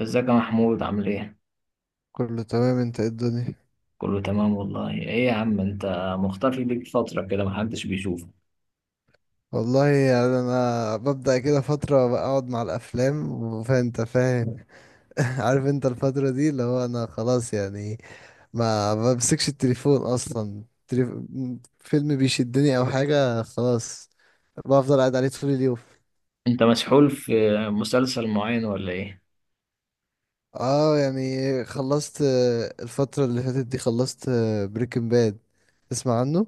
ازيك يا محمود عامل ايه؟ كله تمام، انت ايه الدنيا؟ كله تمام والله. ايه يا عم انت، مختفي ليك فترة كده، محدش بيشوفك. والله يعني انا ببدأ كده فترة بقعد مع الافلام وفانت فاهم. عارف انت الفترة دي اللي هو انا خلاص يعني ما بمسكش التليفون اصلا، فيلم بيشدني او حاجة خلاص بفضل قاعد عليه طول اليوم. انت مسحول في مسلسل معين ولا ايه؟ اه يعني خلصت، الفترة اللي فاتت دي خلصت. بريكنج باد، تسمع عنه؟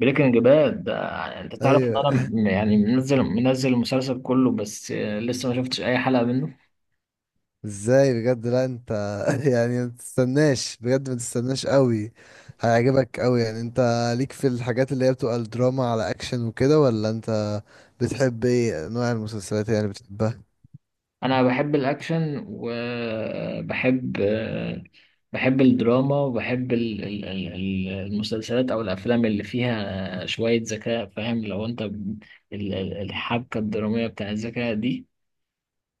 بريكنج باد ده انت تعرف ان ايوه. انا منزل المسلسل كله بس لسه ما شفتش اي حلقة منه. ازاي؟ بجد لا انت يعني ما تستناش، بجد ما تستناش قوي، هيعجبك قوي. يعني انت ليك في الحاجات اللي هي بتبقى الدراما على اكشن وكده، ولا انت بتحب ايه؟ نوع المسلسلات يعني بتحبها. انا بحب الاكشن وبحب بحب الدراما وبحب المسلسلات او الافلام اللي فيها شوية ذكاء، فاهم؟ لو انت الحبكة الدرامية بتاع الذكاء دي.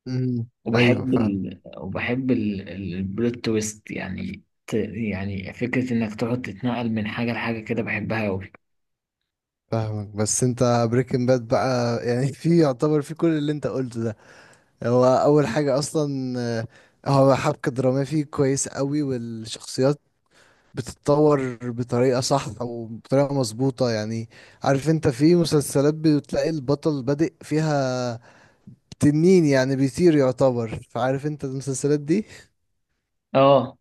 امم ايوه فاهم. وبحب البلوت تويست، يعني يعني فكرة انك تقعد تتنقل من حاجة لحاجة كده، بحبها اوي. فاهمك، بس انت بريكنج باد بقى يعني في، يعتبر في كل اللي انت قلته ده. هو اول حاجة اصلا، هو حبكة درامية فيه كويس قوي، والشخصيات بتتطور بطريقة صح أو بطريقة مظبوطة يعني. عارف أنت في مسلسلات بتلاقي البطل بادئ فيها تنين، يعني بيطير يعتبر، فعارف أنت المسلسلات دي. اه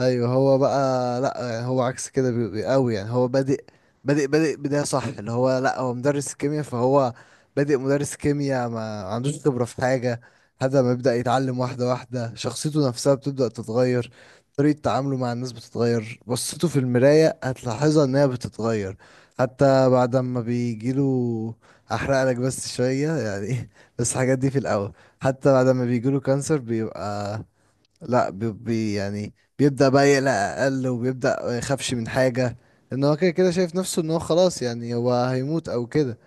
ايوه هو بقى لا، يعني هو عكس كده، قوي يعني، هو بادئ بادئ بداية صح، اللي هو لا هو مدرس كيمياء، فهو بادئ مدرس كيمياء ما عندوش خبرة في حاجة. هذا ما يبدأ يتعلم واحدة واحدة، شخصيته نفسها بتبدأ تتغير، طريقة تعامله مع الناس بتتغير، بصته في المراية هتلاحظها انها بتتغير. حتى بعد ما بيجيله، احرق لك بس شوية يعني بس الحاجات دي في الاول. حتى بعد ما بيجيله كانسر بيبقى لا، يعني بيبدأ بقى يقلق أقل، وبيبدأ ما يخافش من حاجة، إن هو كده كده شايف نفسه إن هو خلاص، يعني هو هيموت أو كده.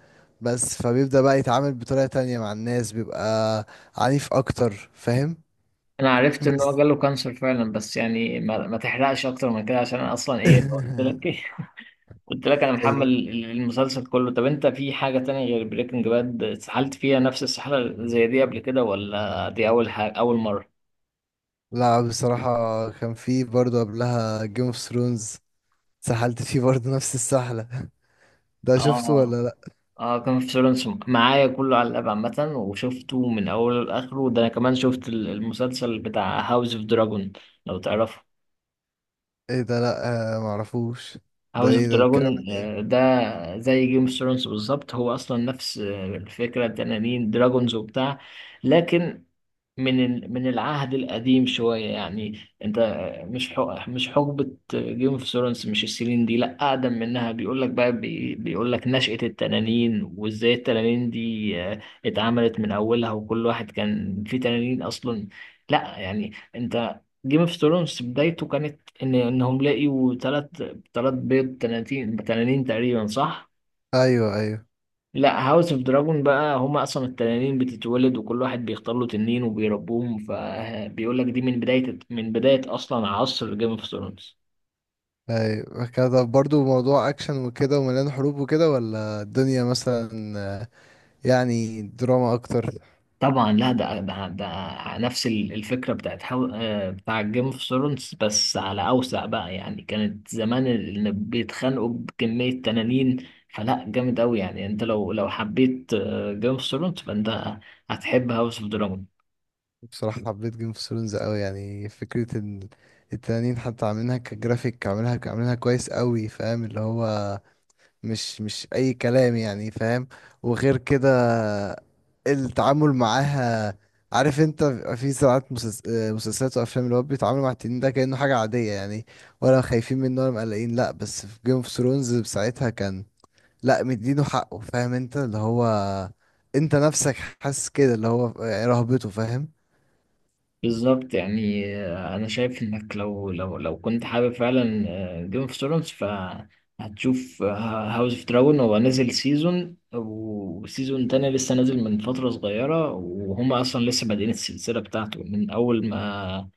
بس فبيبدأ بقى يتعامل بطريقة تانية مع الناس، بيبقى عنيف أكتر فاهم. انا عرفت ان هو بس جاله كانسر فعلا، بس يعني ما تحرقش اكتر من كده عشان انا اصلا ايه قلت لك ايه قلت لك انا محمل أي- المسلسل كله. طب انت في حاجة تانية غير بريكنج باد اتسحلت فيها نفس السحلة زي دي قبل كده، ولا دي اول حاجة اول مرة؟ لا بصراحة كان في برضه قبلها جيم اوف ثرونز، سحلت فيه برضه نفس السحلة ده شفته اه. ولا لأ؟ اه كان في سولانس معايا كله على الاب عامة، وشفته من اوله لاخره. ده انا كمان شفت المسلسل بتاع هاوس اوف دراجون، لو تعرفه. ايه ده؟ لأ، معرفوش. ده هاوس اوف ايه ده؟ بيتكلم عن دراجون ايه؟ ده زي جيم اوف ثرونز بالظبط، هو اصلا نفس الفكرة، تنانين دراجونز وبتاع، لكن من من العهد القديم شوية يعني. انت مش حق مش حقبة جيم اوف ثرونز، مش السنين دي، لا اقدم منها. بيقول لك بقى بيقول لك نشأة التنانين، وازاي التنانين دي اتعملت من اولها، وكل واحد كان في تنانين اصلا. لا يعني انت جيم اوف ثرونز بدايته كانت ان انهم لقيوا ثلاث، ثلاث بيض تنانين، تنانين تقريبا، صح. أيوه أيوه. لا هاوس اوف دراجون بقى هما اصلا التنانين بتتولد وكل واحد بيختار له تنين وبيربوهم، فبيقول لك دي من بدايه اصلا عصر جيم اوف ثرونز. ايوه كده برضو، موضوع اكشن وكده ومليان حروب وكده، ولا الدنيا مثلا، آه، يعني دراما اكتر؟ طبعا لا، ده نفس الفكره بتاعت هاو آه، بتاع جيم اوف ثرونز، بس على اوسع بقى، يعني كانت زمان اللي بيتخانقوا بكميه تنانين. فلا، جامد قوي يعني. انت لو حبيت جيم اوف ثرونز فانت هتحب هاوس اوف دراجون. بصراحة حبيت جيم اوف ثرونز قوي، يعني فكرة ان التنانين حتى عاملينها كجرافيك، عاملينها كويس قوي، فاهم اللي هو مش اي كلام يعني، فاهم. وغير كده التعامل معاها، عارف انت بيبقى في ساعات مسلسلات وافلام اللي هو بيتعاملوا مع التنين ده كأنه حاجة عادية يعني، ولا خايفين منه ولا مقلقين، لا بس في جيم اوف ثرونز ساعتها كان لا، مدينه حقه فاهم انت اللي هو، انت نفسك حاسس كده اللي هو، رهبته فاهم. بالظبط يعني انا شايف انك لو كنت حابب فعلا جيم اوف ثرونز فهتشوف هاوس اوف دراجون. هو نازل سيزون، وسيزون تاني لسه نازل من فترة صغيرة، وهم اصلا لسه بادئين السلسلة بتاعته من اول ما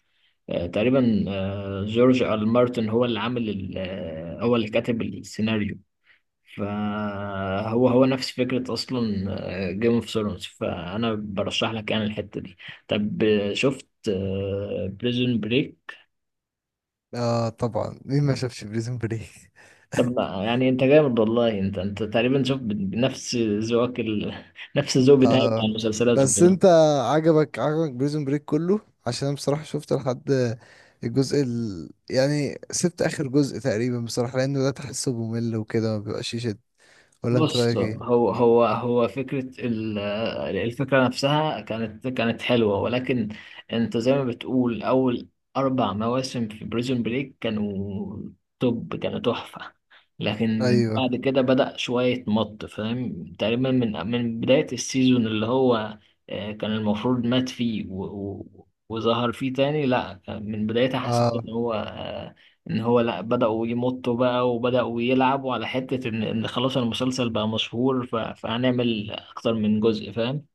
تقريبا جورج آر آر مارتن هو اللي عامل هو اللي كاتب السيناريو. فهو نفس فكرة أصلا جيم اوف ثرونز، فأنا برشح لك يعني الحتة دي. طب شفت بريزون بريك؟ اه طبعا، مين ما شافش بريزون بريك؟ طب يعني أنت جامد والله، أنت تقريبا شفت نفس نفس الذوق بتاعي اه بتاع المسلسلات بس وكده. انت عجبك بريزون بريك كله؟ عشان انا بصراحة شفت لحد الجزء ال... يعني سبت اخر جزء تقريبا بصراحة، لانه ده تحسه ممل وكده، ما بيبقاش يشد، ولا انت بص، رايك ايه؟ هو فكرة ال- الفكرة نفسها كانت حلوة، ولكن انت زي ما بتقول، أول أربع مواسم في بريزون بريك كانوا توب، كانوا تحفة. لكن بعد ايوه كده بدأ شوية مط، فاهم؟ تقريبا من بداية السيزون اللي هو كان المفروض مات فيه وظهر فيه تاني. لا، من بدايتها حسيت اه إن هو ان هو لا بدأوا يمطوا بقى، وبدأوا يلعبوا على حتة ان ان خلاص المسلسل بقى مشهور فهنعمل اكتر من جزء، فاهم؟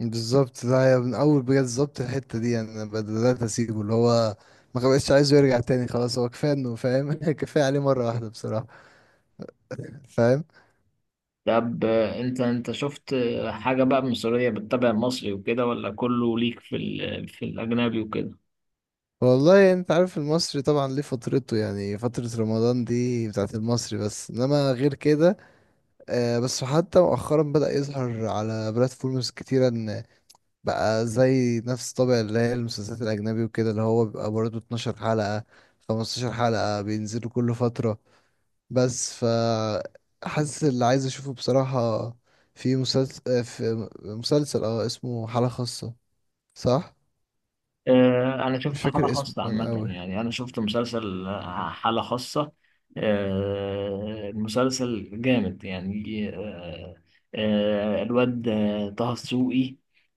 بالظبط، ده يا من اول بجد بالظبط الحتة دي، يعني انا بدأت اسيبه، اللي هو ما بقتش عايزه يرجع تاني خلاص، هو كفاية انه فاهم كفاية عليه مرة واحدة بصراحة، فاهم. طب انت شفت حاجة بقى مصرية بتتابع مصري وكده، ولا كله ليك في الأجنبي وكده؟ والله انت عارف المصري طبعا ليه فترته، يعني فترة رمضان دي بتاعت المصري، بس انما غير كده، بس حتى مؤخرا بدأ يظهر على بلاتفورمز كتيرة، ان بقى زي نفس طابع اللي هي المسلسلات الأجنبي وكده، اللي هو بيبقى برضه 12 حلقة، 15 حلقة بينزلوا كل فترة. بس ف حاسس اللي عايز اشوفه بصراحة، في مسلسل، في مسلسل اه اسمه حالة خاصة، صح؟ أنا مش شفت حالة فاكر اسمه، خاصة كان عامة. قوي. يعني أنا شفت مسلسل حالة خاصة. المسلسل جامد يعني. الواد طه دسوقي،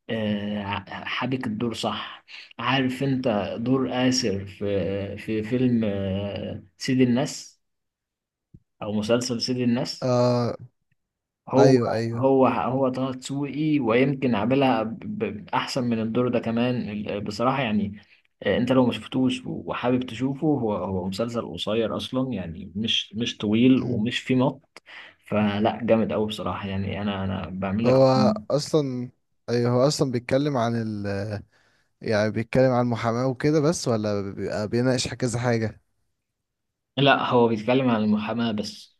حابك الدور صح؟ عارف أنت دور آسر في في فيلم سيد الناس، أو مسلسل سيد الناس؟ اه هو، ايوه ايوه. هو طه دسوقي، ويمكن عاملها احسن من الدور ده كمان بصراحة يعني. انت لو ما شفتوش وحابب تشوفه، هو مسلسل قصير اصلا يعني، مش طويل ومش فيه مط. فلا، جامد قوي بصراحة، يعني انا بعمل لك. هو اصلا، ايوه هو اصلا بيتكلم عن ال، يعني بيتكلم عن المحاماة وكده بس، ولا بيبقى بيناقش كذا حاجة؟ لا هو بيتكلم عن المحاماة بس.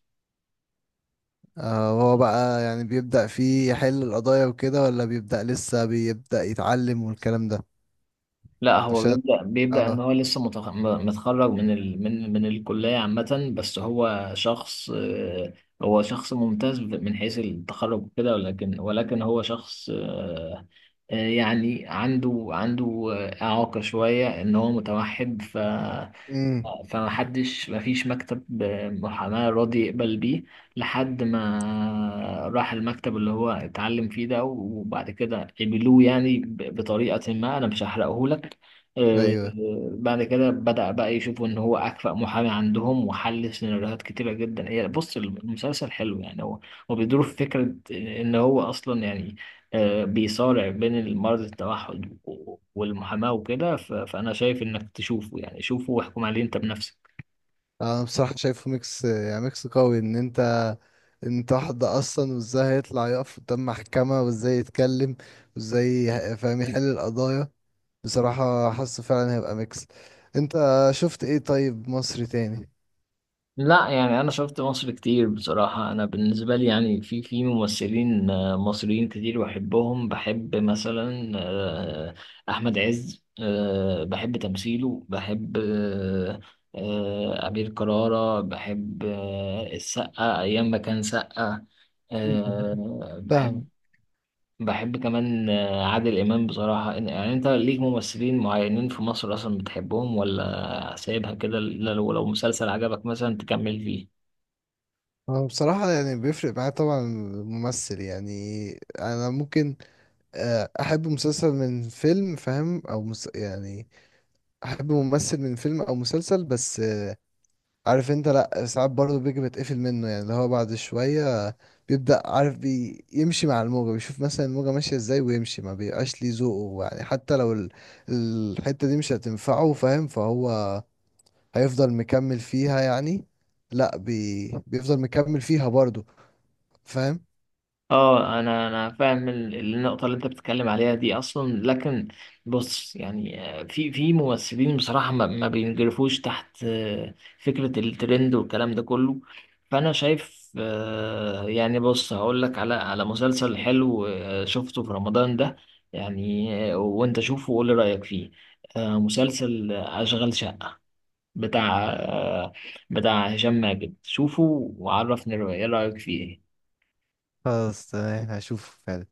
آه هو بقى يعني بيبدأ فيه يحل القضايا وكده، ولا بيبدأ لسه بيبدأ يتعلم والكلام ده؟ لا، هو عشان بيبدأ بيبدأ إن اه. هو لسه متخرج من من الكلية عامة، بس هو شخص هو شخص ممتاز من حيث التخرج وكده، ولكن هو شخص يعني عنده إعاقة شوية، إن هو متوحد. امم فمحدش، مفيش مكتب محاماة راضي يقبل بيه، لحد ما راح المكتب اللي هو اتعلم فيه ده، وبعد كده قبلوه يعني بطريقة ما. أنا مش هحرقه لك. آه، ايوه، بعد كده بدأ بقى يشوفوا إن هو أكفأ محامي عندهم، وحل سيناريوهات كتيرة جدا. هي بص، المسلسل حلو يعني. هو بيدور في فكرة إن هو أصلا يعني بيصارع بين المرض التوحد والمحاماة وكده. فأنا شايف إنك تشوفه، يعني شوفه واحكم عليه أنت بنفسك. انا بصراحة شايفه ميكس، يعني ميكس قوي ان انت، انت واحدة اصلا وازاي هيطلع يقف قدام محكمة، وازاي يتكلم، فاهم يحل القضايا، بصراحة حاسه فعلا هيبقى ميكس. انت شفت ايه طيب مصري تاني؟ لا يعني أنا شفت مصر كتير بصراحة. أنا بالنسبة لي يعني في ممثلين مصريين كتير بحبهم. بحب مثلا أحمد عز، بحب تمثيله. بحب أمير كرارة، بحب السقا أيام ما كان سقا. آه، بحب فاهمك. بحب كمان عادل إمام بصراحة. يعني أنت ليك ممثلين معينين في مصر أصلا بتحبهم، ولا سايبها كده إلا لو مسلسل عجبك مثلا تكمل فيه؟ هو بصراحة يعني بيفرق معايا طبعا الممثل، يعني أنا ممكن، أحب مسلسل من فيلم فاهم، يعني أحب ممثل من فيلم أو مسلسل، بس عارف أنت لأ ساعات برضه بيجي بتقفل منه، يعني اللي هو بعد شوية بيبدأ عارف يمشي مع الموجة، بيشوف مثلا الموجة ماشية ازاي ويمشي، ما بيبقاش ليه ذوقه يعني، حتى لو ال... الحتة دي مش هتنفعه فاهم، فهو هيفضل مكمل فيها يعني، لا بيفضل مكمل فيها برضو، فاهم. اه انا فاهم النقطه اللي انت بتتكلم عليها دي اصلا، لكن بص يعني في ممثلين بصراحه ما بينجرفوش تحت فكره الترند والكلام ده كله. فانا شايف يعني بص، هقول لك على مسلسل حلو شفته في رمضان ده، يعني وانت شوفه وقول لي رايك فيه. مسلسل اشغال شقه، بتاع بتاع هشام ماجد، شوفه وعرفني ايه رايك فيه. خلاص تمام، هشوف فعلا.